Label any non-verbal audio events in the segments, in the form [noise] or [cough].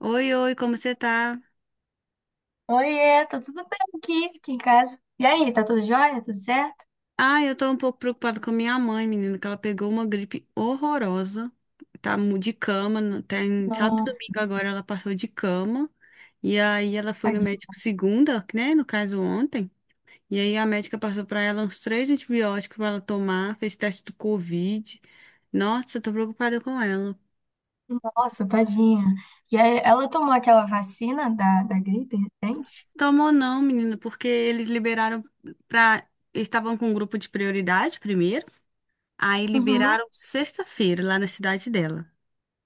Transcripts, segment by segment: Oi, oi, como você tá? Oiê, tá tudo bem aqui em casa? E aí, tá tudo jóia? Tudo certo? Ah, eu tô um pouco preocupada com a minha mãe, menina, que ela pegou uma gripe horrorosa. Tá de cama, tem sábado e Nossa, domingo agora ela passou de cama. E aí ela foi no tadinha. médico segunda, né, no caso ontem. E aí a médica passou pra ela uns três antibióticos pra ela tomar, fez teste do Covid. Nossa, eu tô preocupada com ela. Nossa, tadinha. E aí, ela tomou aquela vacina da gripe recente? Tomou não, menina, porque eles liberaram pra. Eles estavam com um grupo de prioridade primeiro. Aí Uhum, liberaram sexta-feira lá na cidade dela.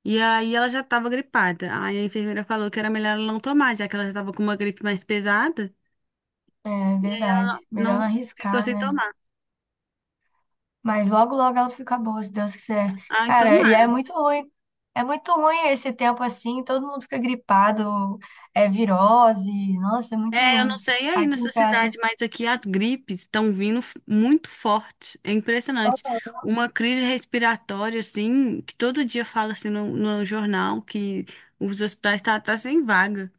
E aí ela já estava gripada. Aí a enfermeira falou que era melhor ela não tomar, já que ela já estava com uma gripe mais pesada. é E aí ela não, verdade. Melhor não não ficou arriscar, sem né? tomar. Mas logo, logo ela fica boa, se Deus quiser. Ai, Cara, e tomara. é muito ruim. É muito ruim esse tempo assim, todo mundo fica gripado, é virose. Nossa, é muito É, eu não ruim. sei aí Aqui nessa em casa. cidade, mas aqui as gripes estão vindo muito forte. É impressionante. Uma crise respiratória, assim, que todo dia fala assim no jornal que os hospitais tá sem vaga.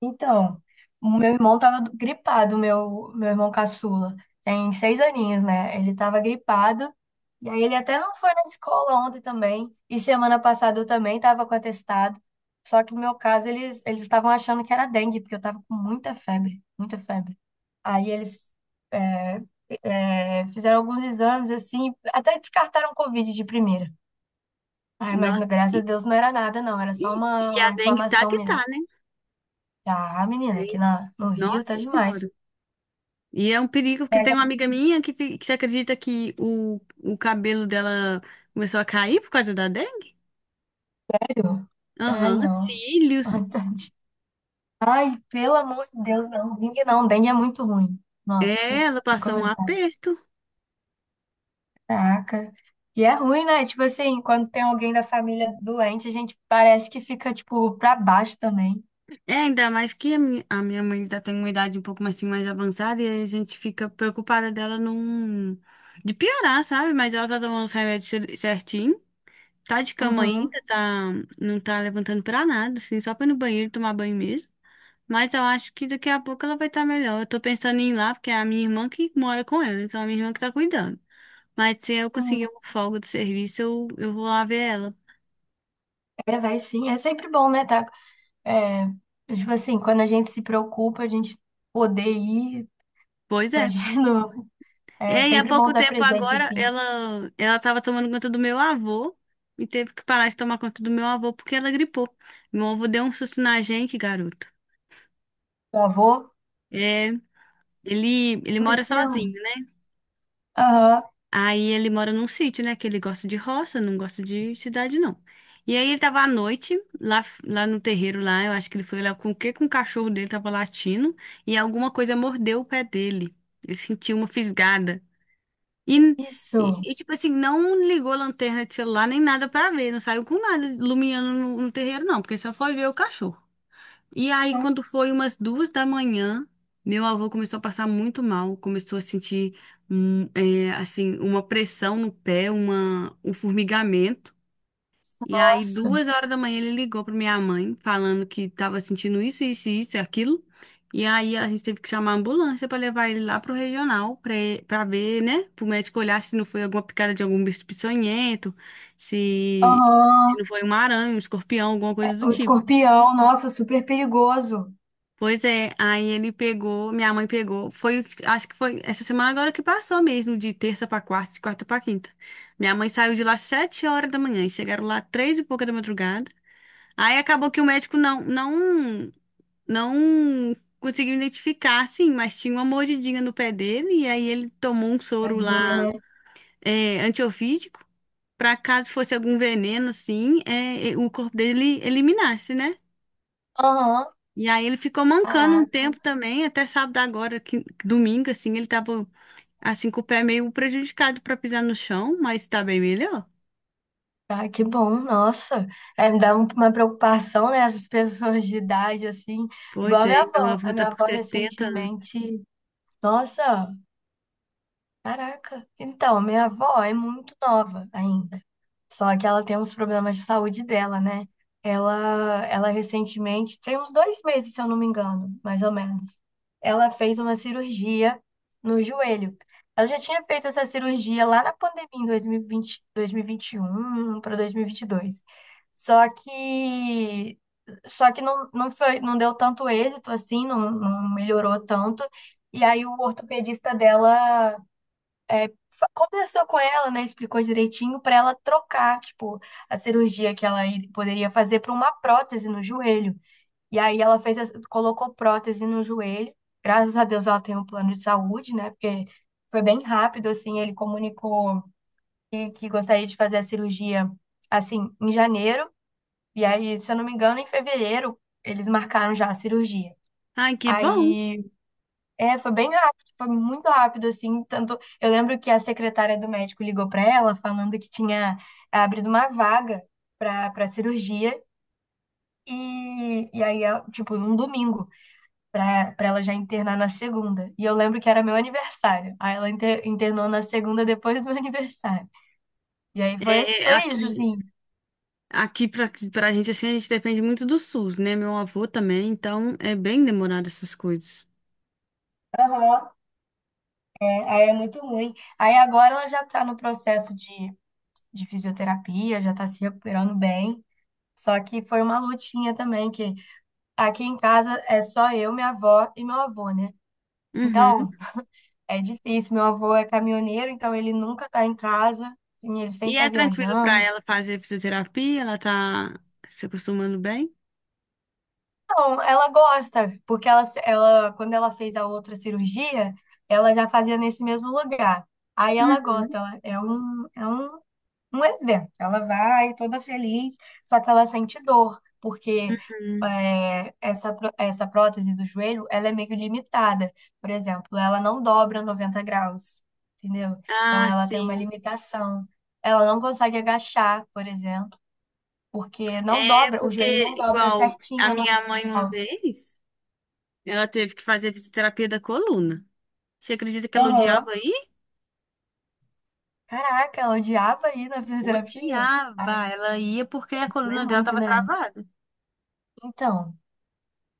Então, o meu irmão tava gripado, o meu irmão caçula. Tem seis aninhos, né? Ele tava gripado. E aí ele até não foi na escola ontem também. E semana passada eu também tava com atestado. Só que no meu caso, eles estavam achando que era dengue, porque eu tava com muita febre, muita febre. Aí eles é, fizeram alguns exames, assim, até descartaram o Covid de primeira. Ai, mas Nossa, graças e, a Deus não era nada, não. Era só e, uma, e a uma dengue tá inflamação. que tá, né? Tá, menina, É, aqui no Rio Nossa tá demais. Senhora. E é um perigo, porque Mas tem uma é amiga minha que acredita que o cabelo dela começou a cair por causa da dengue. melhor. Ai, Aham, não. [laughs] cílios. Ai, tadinho. Ai, pelo amor de Deus, não. Dengue não, dengue é muito ruim. Nossa, sem, É, ela sem passou um comentar. aperto. Caraca. E é ruim, né? Tipo assim, quando tem alguém da família doente, a gente parece que fica, tipo, pra baixo também. É, ainda mais que a minha mãe ainda tem uma idade um pouco mais, assim, mais avançada e aí a gente fica preocupada dela não, de piorar, sabe? Mas ela tá tomando os remédios certinho. Tá de cama Uhum. ainda, tá, não tá levantando pra nada, assim, só pra ir no banheiro tomar banho mesmo. Mas eu acho que daqui a pouco ela vai estar melhor. Eu tô pensando em ir lá, porque é a minha irmã que mora com ela, então é a minha irmã que tá cuidando. Mas se eu conseguir Uhum. uma folga do serviço, eu vou lá ver ela. É, vai sim. É sempre bom, né? Tá, é, tipo assim, quando a gente se preocupa, a gente poder ir Pois pra é. gente. [laughs] E É aí, há sempre bom pouco estar tempo presente, agora, assim. ela tava tomando conta do meu avô e teve que parar de tomar conta do meu avô porque ela gripou. Meu avô deu um susto na gente, garoto. O avô. É, ele mora Aconteceu? sozinho, né? Aham, Aí ele mora num sítio, né? Que ele gosta de roça, não gosta de cidade, não. E aí ele tava à noite, lá no terreiro, lá, eu acho que ele foi lá com o quê? Com o cachorro dele, tava latindo, e alguma coisa mordeu o pé dele. Ele sentiu uma fisgada. E, e, isso. e, tipo assim, não ligou a lanterna de celular nem nada pra ver, não saiu com nada iluminando no terreiro, não, porque só foi ver o cachorro. E aí, quando foi umas 2 da manhã, meu avô começou a passar muito mal, começou a sentir, é, assim, uma pressão no pé, uma, um formigamento. E aí, Nossa. 2 horas da manhã, ele ligou para minha mãe, falando que estava sentindo isso, isso, isso e aquilo. E aí, a gente teve que chamar a ambulância para levar ele lá pro regional, para ver, né, para o médico olhar se não foi alguma picada de algum bicho peçonhento, se, se não Aham. foi uma aranha, um escorpião, alguma coisa do O tipo. escorpião, nossa, super perigoso. Pois é, aí ele pegou, minha mãe pegou, foi, acho que foi essa semana agora que passou mesmo, de terça pra quarta, de quarta pra quinta. Minha mãe saiu de lá 7 horas da manhã, e chegaram lá 3 e pouca da madrugada. Aí acabou que o médico não conseguiu identificar, sim, mas tinha uma mordidinha no pé dele, e aí ele tomou um soro Tadinha, lá, né? é, antiofídico, pra caso fosse algum veneno, assim, o corpo dele eliminasse, né? Aham. E aí ele ficou mancando um Caraca. tempo também, até sábado agora, que, domingo, assim, ele tava, assim, com o pé meio prejudicado pra pisar no chão, mas tá bem melhor. Ah, que bom, nossa. É, me dá uma preocupação, né? Essas [laughs] pessoas de idade, assim. Pois Igual a é, minha e meu avó. avô A tá minha com avó 70 anos. recentemente. Nossa. Caraca. Então, minha avó é muito nova ainda. Só que ela tem uns problemas de saúde dela, né? Ela recentemente, tem uns 2 meses, se eu não me engano, mais ou menos. Ela fez uma cirurgia no joelho. Ela já tinha feito essa cirurgia lá na pandemia, em dois mil e vinte, dois mil e vinte e um para dois mil e vinte e dois. Só que, só que não, não foi, não deu tanto êxito assim, não, não melhorou tanto. E aí o ortopedista dela é, conversou com ela, né? Explicou direitinho pra ela trocar, tipo, a cirurgia que ela poderia fazer pra uma prótese no joelho. E aí ela fez, colocou prótese no joelho. Graças a Deus ela tem um plano de saúde, né? Porque foi bem rápido, assim, ele comunicou que gostaria de fazer a cirurgia, assim, em janeiro. E aí, se eu não me engano, em fevereiro eles marcaram já a cirurgia. Ai, que bom. Aí foi bem rápido, foi muito rápido, assim, tanto... Eu lembro que a secretária do médico ligou para ela falando que tinha abrido uma vaga para cirurgia e, e aí, tipo, num domingo, para ela já internar na segunda. E eu lembro que era meu aniversário, aí ela internou na segunda depois do meu [laughs] aniversário. E aí foi, esse- É, foi isso, aqui, assim. aqui pra gente, assim, a gente depende muito do SUS, né? Meu avô também, então é bem demorado essas coisas. Aham. É, aí é muito ruim. Aí agora ela já tá no processo de fisioterapia, já tá se recuperando bem. Só que foi uma lutinha também. Que Aqui em casa é só eu, minha avó e meu avô, né? Uhum. Então, é difícil. Meu avô é caminhoneiro, então ele nunca tá em casa, e ele E sempre tá é tranquilo pra viajando. ela fazer fisioterapia? Ela tá se acostumando bem? Então, ela gosta, porque ela, quando ela fez a outra cirurgia, ela já fazia nesse mesmo lugar. Aí ela gosta, ela, é um evento. Ela vai toda feliz, só que ela sente dor, porque Uhum. Essa prótese do joelho, ela é meio limitada. Por exemplo, ela não dobra 90 graus, entendeu? Então, Ah, ela tem uma sim. limitação. Ela não consegue agachar, por exemplo, porque não É dobra, o porque, joelho não dobra igual, a certinho a minha 90 mãe uma graus. vez, ela teve que fazer fisioterapia da coluna. Você acredita que ela Aham. odiava ir? Caraca, ela odiava ir na fisioterapia? Odiava. Ai, Ela ia porque a doer coluna dela muito, tava né? travada. Então,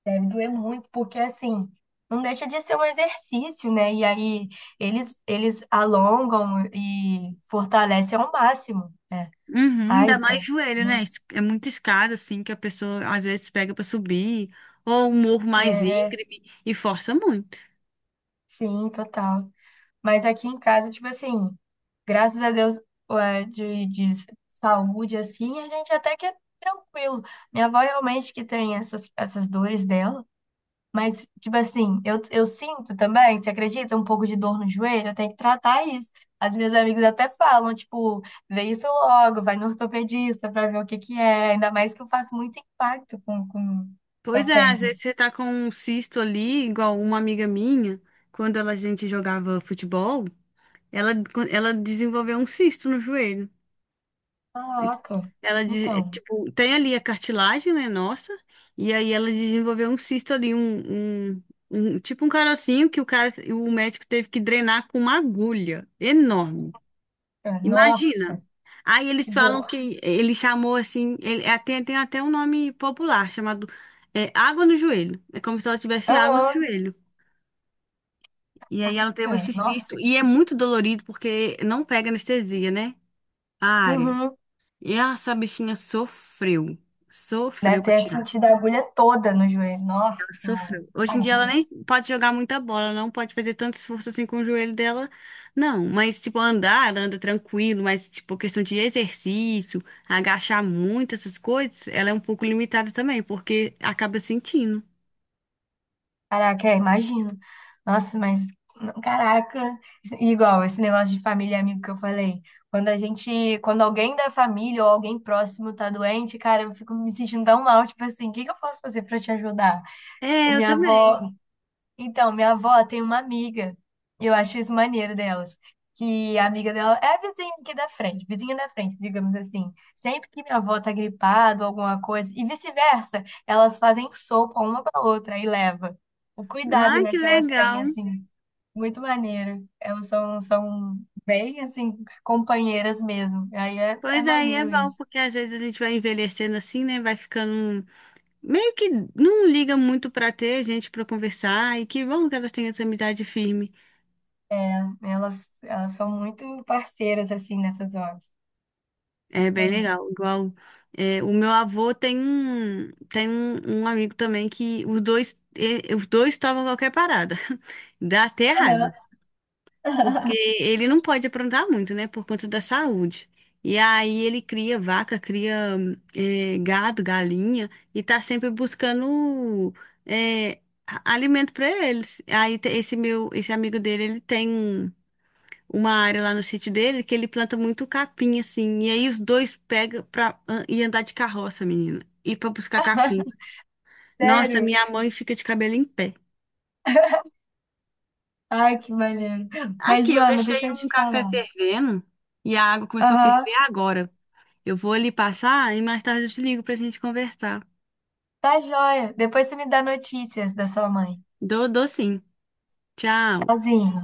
deve doer muito, porque assim, não deixa de ser um exercício, né? E aí eles alongam e fortalecem ao máximo, né? Uhum, Ai, ainda mais deve ser joelho, né? muito. É muito escada, assim, que a pessoa às vezes pega pra subir, ou um morro mais É, íngreme e força muito. sim, total. Mas aqui em casa, tipo assim, graças a Deus, ué, de saúde, assim, a gente até que é tranquilo. Minha avó realmente que tem essas dores dela. Mas, tipo assim, eu sinto também, você acredita? Um pouco de dor no joelho, eu tenho que tratar isso. As minhas amigas até falam, tipo, vê isso logo, vai no ortopedista pra ver o que que é. Ainda mais que eu faço muito impacto com a Pois é, às perna. vezes você tá com um cisto ali, igual uma amiga minha, quando a gente jogava futebol, ela, ela desenvolveu um cisto no joelho. E Caraca. ela, Então, tipo, tem ali a cartilagem, né, nossa, e aí ela desenvolveu um cisto ali, tipo um carocinho que o cara, o médico teve que drenar com uma agulha enorme. Nossa, Imagina. Aí eles que falam dor. que ele chamou assim, ele é, tem até um nome popular chamado água no joelho. É como se ela tivesse água no Aham, joelho. E aí ela teve esse cisto nossa. Que... e é muito dolorido porque não pega anestesia, né? A área. Uhum. E essa bichinha sofreu. Sofreu Deve pra ter tirar. sentido a agulha toda no joelho. Nossa, Ela senhora, sofreu. Hoje em dia ela tadinha. nem pode jogar muita bola, não pode fazer tanto esforço assim com o joelho dela, não. Mas, tipo, andar, ela anda tranquilo, mas, tipo, questão de exercício, agachar muito, essas coisas, ela é um pouco limitada também, porque acaba sentindo. Caraca, imagino. Nossa, mas caraca, igual esse negócio de família e amigo que eu falei. Quando alguém da família ou alguém próximo tá doente, cara, eu fico me sentindo tão mal, tipo assim, o que que eu posso fazer pra te ajudar? O É, eu minha avó, também. então, minha avó tem uma amiga, e eu acho isso maneiro delas, que a amiga dela é a vizinha aqui da frente, vizinha da frente, digamos assim. Sempre que minha avó tá gripada ou alguma coisa, e vice-versa, elas fazem sopa uma pra outra e leva. O cuidado, Ai, né, que que elas têm, legal. assim, muito maneiro. Elas são bem, assim, companheiras mesmo. Aí é Pois aí é maneiro bom, isso. porque às vezes a gente vai envelhecendo assim, né? Vai ficando um meio que não liga muito pra ter gente pra conversar e que bom que elas têm essa amizade firme. É, elas são muito parceiras, assim, nessas horas. É bem Maneiro. legal. Igual o meu avô tem um amigo também que os dois tomam qualquer parada. [laughs] Dá até raiva. Porque [laughs] ele não pode aprontar muito, né, por conta da saúde. E aí ele cria vaca, cria gado, galinha, e tá sempre buscando eh, alimento para eles. Aí esse meu, esse amigo dele, ele tem uma área lá no sítio dele que ele planta muito capim, assim. E aí os dois pegam pra ir andar de carroça, menina, e para buscar capim. Nossa, Sério? minha mãe fica de cabelo em pé. Ai, que maneiro. Mas, Aqui, eu Joana, deixei deixa eu um te café falar. fervendo e a água começou a Aham, ferver agora. Eu vou lhe passar e mais tarde eu te ligo pra gente conversar. tá joia. Depois você me dá notícias da sua mãe. Dou, dou sim. Tchau. Tchauzinho.